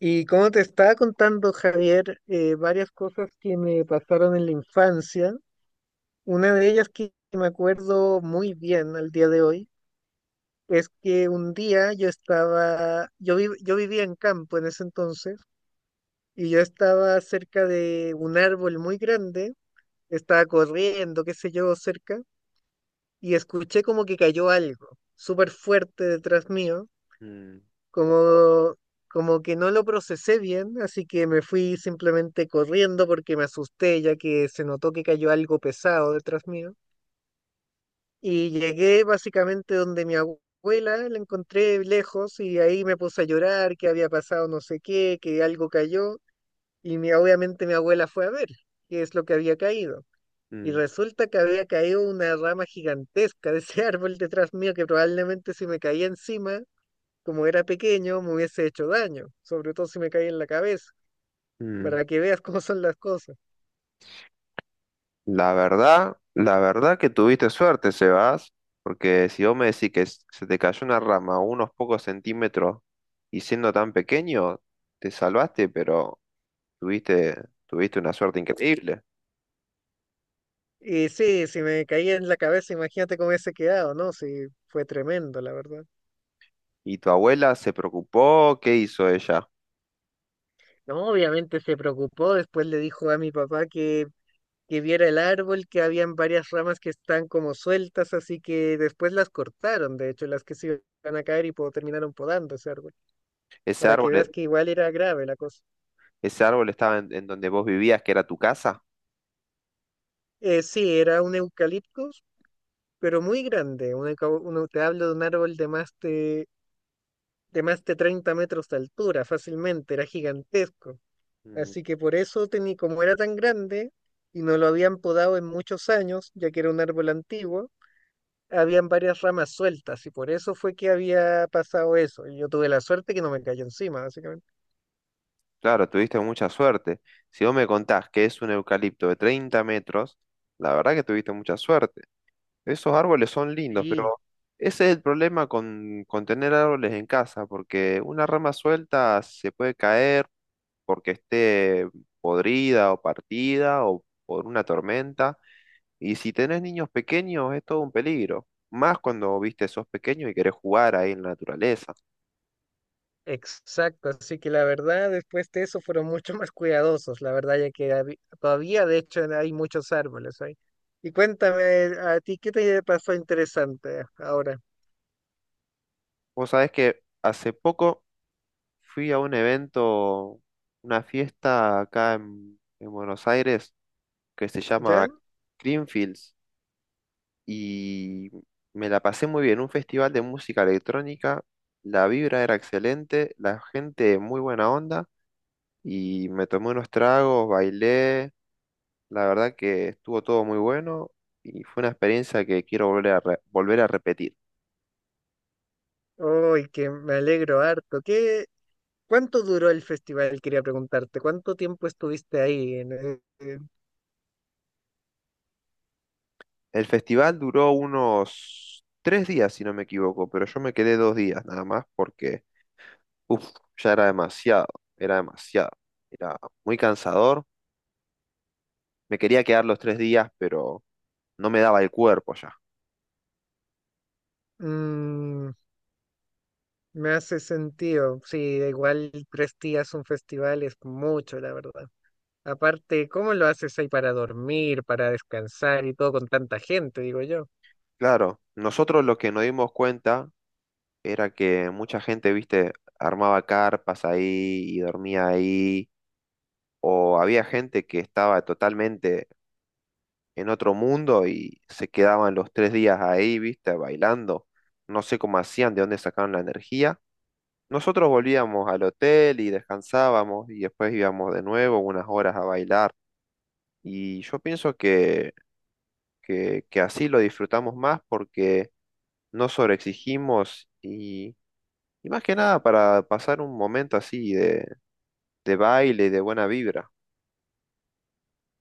Y como te estaba contando, Javier, varias cosas que me pasaron en la infancia. Una de ellas que me acuerdo muy bien al día de hoy es que un día yo estaba, yo, vi- yo vivía en campo en ese entonces y yo estaba cerca de un árbol muy grande, estaba corriendo, qué sé yo, cerca, y escuché como que cayó algo súper fuerte detrás mío. Mm, como, como que no lo procesé bien, así que me fui simplemente corriendo porque me asusté ya que se notó que cayó algo pesado detrás mío. Y llegué básicamente donde mi abuela, la encontré lejos y ahí me puse a llorar, que había pasado no sé qué, que algo cayó. Y obviamente mi abuela fue a ver qué es lo que había caído. Y mm, resulta que había caído una rama gigantesca de ese árbol detrás mío que probablemente, si me caía encima, como era pequeño, me hubiese hecho daño, sobre todo si me caía en la cabeza, mm. para que veas cómo son las cosas. La verdad que tuviste suerte, Sebas, porque si vos me decís que se te cayó una rama unos pocos centímetros y siendo tan pequeño, te salvaste, pero tuviste, tuviste una suerte increíble. Y sí, si me caía en la cabeza, imagínate cómo hubiese quedado, ¿no? Sí, fue tremendo, la verdad. ¿Y tu abuela se preocupó? ¿Qué hizo ella? No, obviamente se preocupó, después le dijo a mi papá que viera el árbol, que habían varias ramas que están como sueltas, así que después las cortaron, de hecho, las que se iban a caer y terminaron podando ese árbol, ¿Ese para árbol, que veas que igual era grave la cosa. ese árbol estaba en donde vos vivías, que era tu casa? Sí, era un eucalipto, pero muy grande. Te hablo de un árbol de más de, 30 metros de altura, fácilmente, era gigantesco. Mm, Así que por eso, como era tan grande y no lo habían podado en muchos años, ya que era un árbol antiguo, habían varias ramas sueltas y por eso fue que había pasado eso. Y yo tuve la suerte que no me cayó encima, básicamente. claro, tuviste mucha suerte. Si vos me contás que es un eucalipto de 30 metros, la verdad que tuviste mucha suerte. Esos árboles son lindos, pero Sí, ese es el problema con tener árboles en casa, porque una rama suelta se puede caer porque esté podrida o partida o por una tormenta. Y si tenés niños pequeños es todo un peligro, más cuando, viste, sos pequeño y querés jugar ahí en la naturaleza. exacto, así que la verdad después de eso fueron mucho más cuidadosos, la verdad ya que todavía de hecho hay muchos árboles ahí. Y cuéntame a ti, ¿qué te pasó interesante ahora? Vos sabés que hace poco fui a un evento, una fiesta acá en Buenos Aires que se ¿Ya? llama Greenfields y me la pasé muy bien. Un festival de música electrónica, la vibra era excelente, la gente muy buena onda y me tomé unos tragos, bailé, la verdad que estuvo todo muy bueno y fue una experiencia que quiero volver a, volver a repetir. Uy, que me alegro harto. ¿Cuánto duró el festival? Quería preguntarte, ¿cuánto tiempo estuviste ahí? El festival duró unos 3 días, si no me equivoco, pero yo me quedé 2 días nada más porque uf, ya era demasiado, era demasiado, era muy cansador. Me quería quedar los 3 días, pero no me daba el cuerpo ya. Mm, Me hace sentido, sí, igual 3 días un festival es mucho, la verdad. Aparte, ¿cómo lo haces ahí para dormir, para descansar y todo con tanta gente, digo yo? Claro, nosotros lo que nos dimos cuenta era que mucha gente, viste, armaba carpas ahí y dormía ahí, o había gente que estaba totalmente en otro mundo y se quedaban los 3 días ahí, viste, bailando. No sé cómo hacían, de dónde sacaban la energía. Nosotros volvíamos al hotel y descansábamos y después íbamos de nuevo unas horas a bailar. Y yo pienso que, que así lo disfrutamos más porque no sobreexigimos y más que nada para pasar un momento así de baile, y de buena vibra.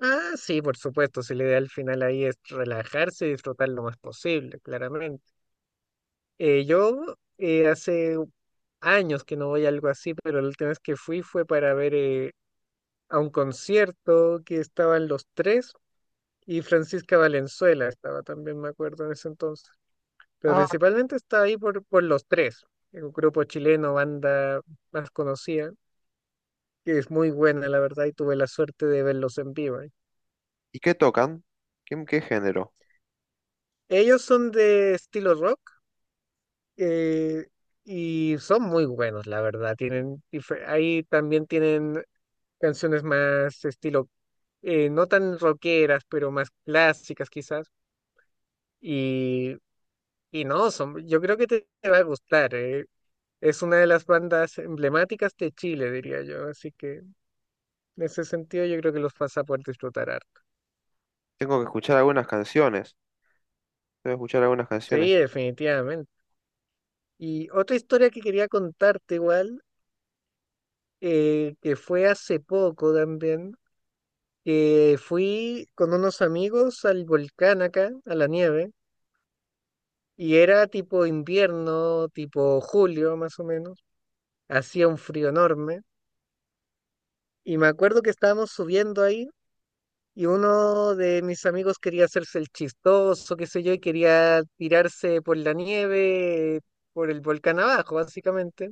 Ah, sí, por supuesto, si la idea al final ahí es relajarse y disfrutar lo más posible, claramente. Yo hace años que no voy a algo así, pero la última vez que fui fue para ver, a un concierto que estaban Los Tres, y Francisca Valenzuela estaba también, me acuerdo, en ese entonces. Pero Ah, principalmente estaba ahí por Los Tres, un grupo chileno, banda más conocida, que es muy buena, la verdad, y tuve la suerte de verlos en vivo, ¿eh? ¿y qué tocan? ¿Qué, qué género? Ellos son de estilo rock, eh, y son muy buenos, la verdad. Ahí también tienen canciones más estilo, no tan rockeras, pero más clásicas quizás. Y, y no, son, yo creo que te va a gustar. Es una de las bandas emblemáticas de Chile, diría yo. Así que en ese sentido yo creo que los vas a poder disfrutar harto. Tengo que escuchar algunas canciones. Tengo que escuchar algunas Sí, canciones. definitivamente. Y otra historia que quería contarte igual, que fue hace poco también, que fui con unos amigos al volcán acá, a la nieve, y era tipo invierno, tipo julio más o menos, hacía un frío enorme, y me acuerdo que estábamos subiendo ahí, y uno de mis amigos quería hacerse el chistoso, qué sé yo, y quería tirarse por la nieve, por el volcán abajo, básicamente,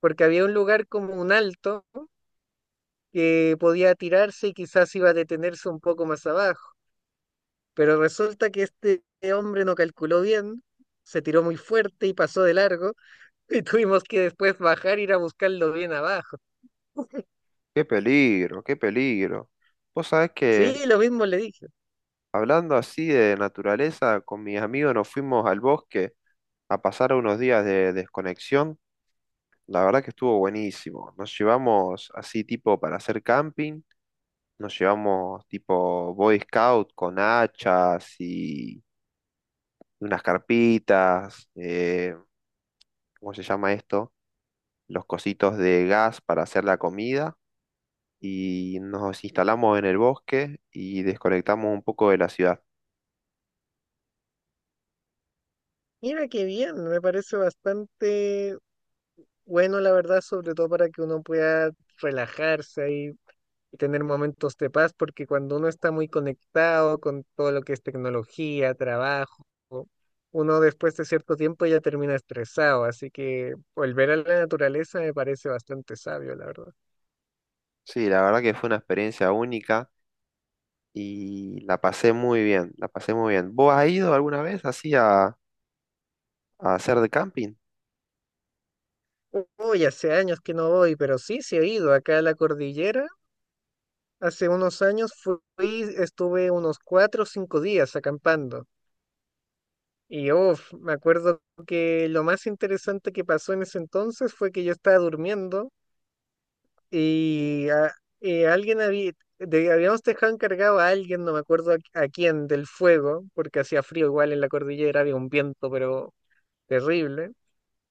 porque había un lugar como un alto que podía tirarse y quizás iba a detenerse un poco más abajo. Pero resulta que este hombre no calculó bien, se tiró muy fuerte y pasó de largo y tuvimos que después bajar e ir a buscarlo bien abajo. ¡Qué peligro, qué peligro! Vos sabés Sí, que lo mismo le dije. hablando así de naturaleza, con mis amigos nos fuimos al bosque a pasar unos días de desconexión. La verdad que estuvo buenísimo. Nos llevamos así tipo para hacer camping. Nos llevamos tipo Boy Scout con hachas unas carpitas, ¿cómo se llama esto? Los cositos de gas para hacer la comida y nos instalamos en el bosque y desconectamos un poco de la ciudad. Mira qué bien, me parece bastante bueno, la verdad, sobre todo para que uno pueda relajarse ahí y tener momentos de paz, porque cuando uno está muy conectado con todo lo que es tecnología, trabajo, uno después de cierto tiempo ya termina estresado, así que volver a la naturaleza me parece bastante sabio, la verdad. Sí, la verdad que fue una experiencia única y la pasé muy bien, la pasé muy bien. ¿Vos has ido alguna vez así a hacer de camping? Uy, hace años que no voy, pero sí, sí he ido acá a la cordillera. Hace unos años fui, estuve unos 4 o 5 días acampando. Y uf, me acuerdo que lo más interesante que pasó en ese entonces fue que yo estaba durmiendo. Y ah, eh, alguien había, habíamos dejado encargado a alguien, no me acuerdo a quién, del fuego, porque hacía frío igual en la cordillera, había un viento, pero terrible.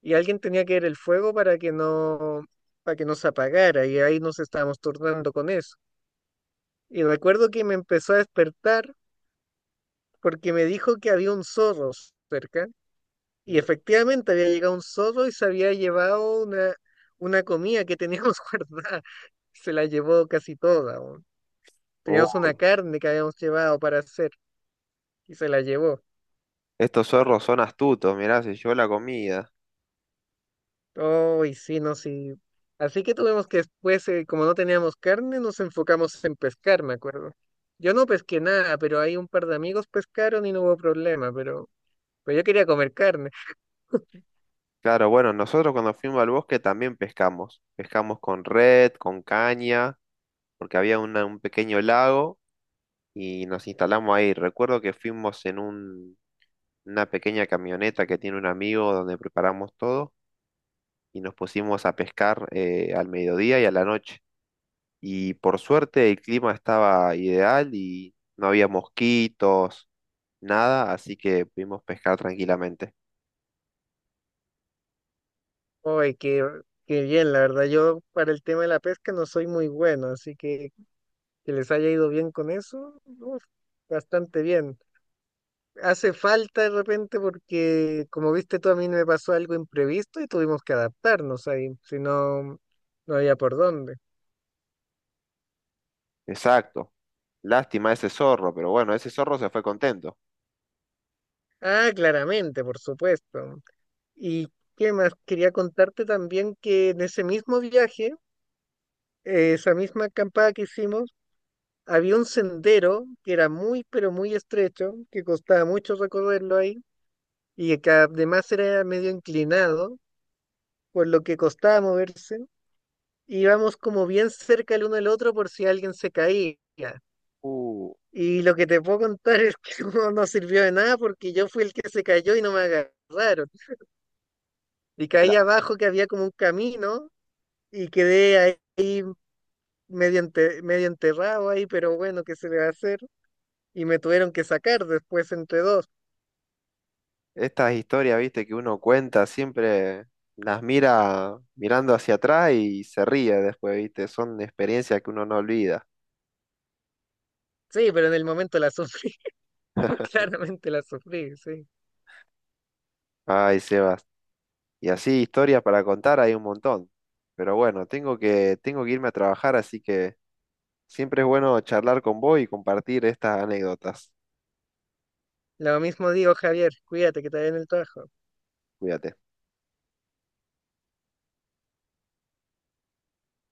Y alguien tenía que ver el fuego para que no se apagara, y ahí nos estábamos turnando con eso. Y recuerdo que me empezó a despertar porque me dijo que había un zorro cerca, y Mm. efectivamente había llegado un zorro y se había llevado una comida que teníamos guardada. Se la llevó casi toda. Teníamos Oh, una carne que habíamos llevado para hacer, y se la llevó. estos zorros son astutos, mirá, se llevó la comida. Oh, y sí, no, sí. Así que tuvimos que después, como no teníamos carne, nos enfocamos en pescar, me acuerdo. Yo no pesqué nada, pero hay un par de amigos pescaron y no hubo problema, pero, yo quería comer carne. Claro, bueno, nosotros cuando fuimos al bosque también pescamos. Pescamos con red, con caña porque había un pequeño lago y nos instalamos ahí. Recuerdo que fuimos en una pequeña camioneta que tiene un amigo donde preparamos todo y nos pusimos a pescar al mediodía y a la noche. Y por suerte el clima estaba ideal y no había mosquitos, nada, así que pudimos pescar tranquilamente. Ay, qué bien, la verdad. Yo para el tema de la pesca no soy muy bueno, así que les haya ido bien con eso, uf, bastante bien. Hace falta de repente porque, como viste tú, a mí me pasó algo imprevisto y tuvimos que adaptarnos ahí, si no, no había por dónde. Exacto. Lástima ese zorro, pero bueno, ese zorro se fue contento. Ah, claramente, por supuesto. ¿Y qué más? Quería contarte también que en ese mismo viaje, esa misma acampada que hicimos, había un sendero que era muy, pero muy estrecho, que costaba mucho recorrerlo ahí y que además era medio inclinado, por lo que costaba moverse. Íbamos como bien cerca el uno del otro por si alguien se caía. Uh, Y lo que te puedo contar es que no, no sirvió de nada porque yo fui el que se cayó y no me agarraron. Y caí abajo, que había como un camino, y quedé ahí medio enterrado ahí, pero bueno, ¿qué se le va a hacer? Y me tuvieron que sacar después entre dos. Estas historias, viste, que uno cuenta, siempre las mira mirando hacia atrás y se ríe después, viste, son experiencias que uno no olvida. Sí, pero en el momento la sufrí, claramente la sufrí, sí. Ay, Sebas. Y así historias para contar hay un montón. Pero bueno, tengo que irme a trabajar, así que siempre es bueno charlar con vos y compartir estas anécdotas. Lo mismo digo, Javier, cuídate que te vaya en el trabajo. Cuídate.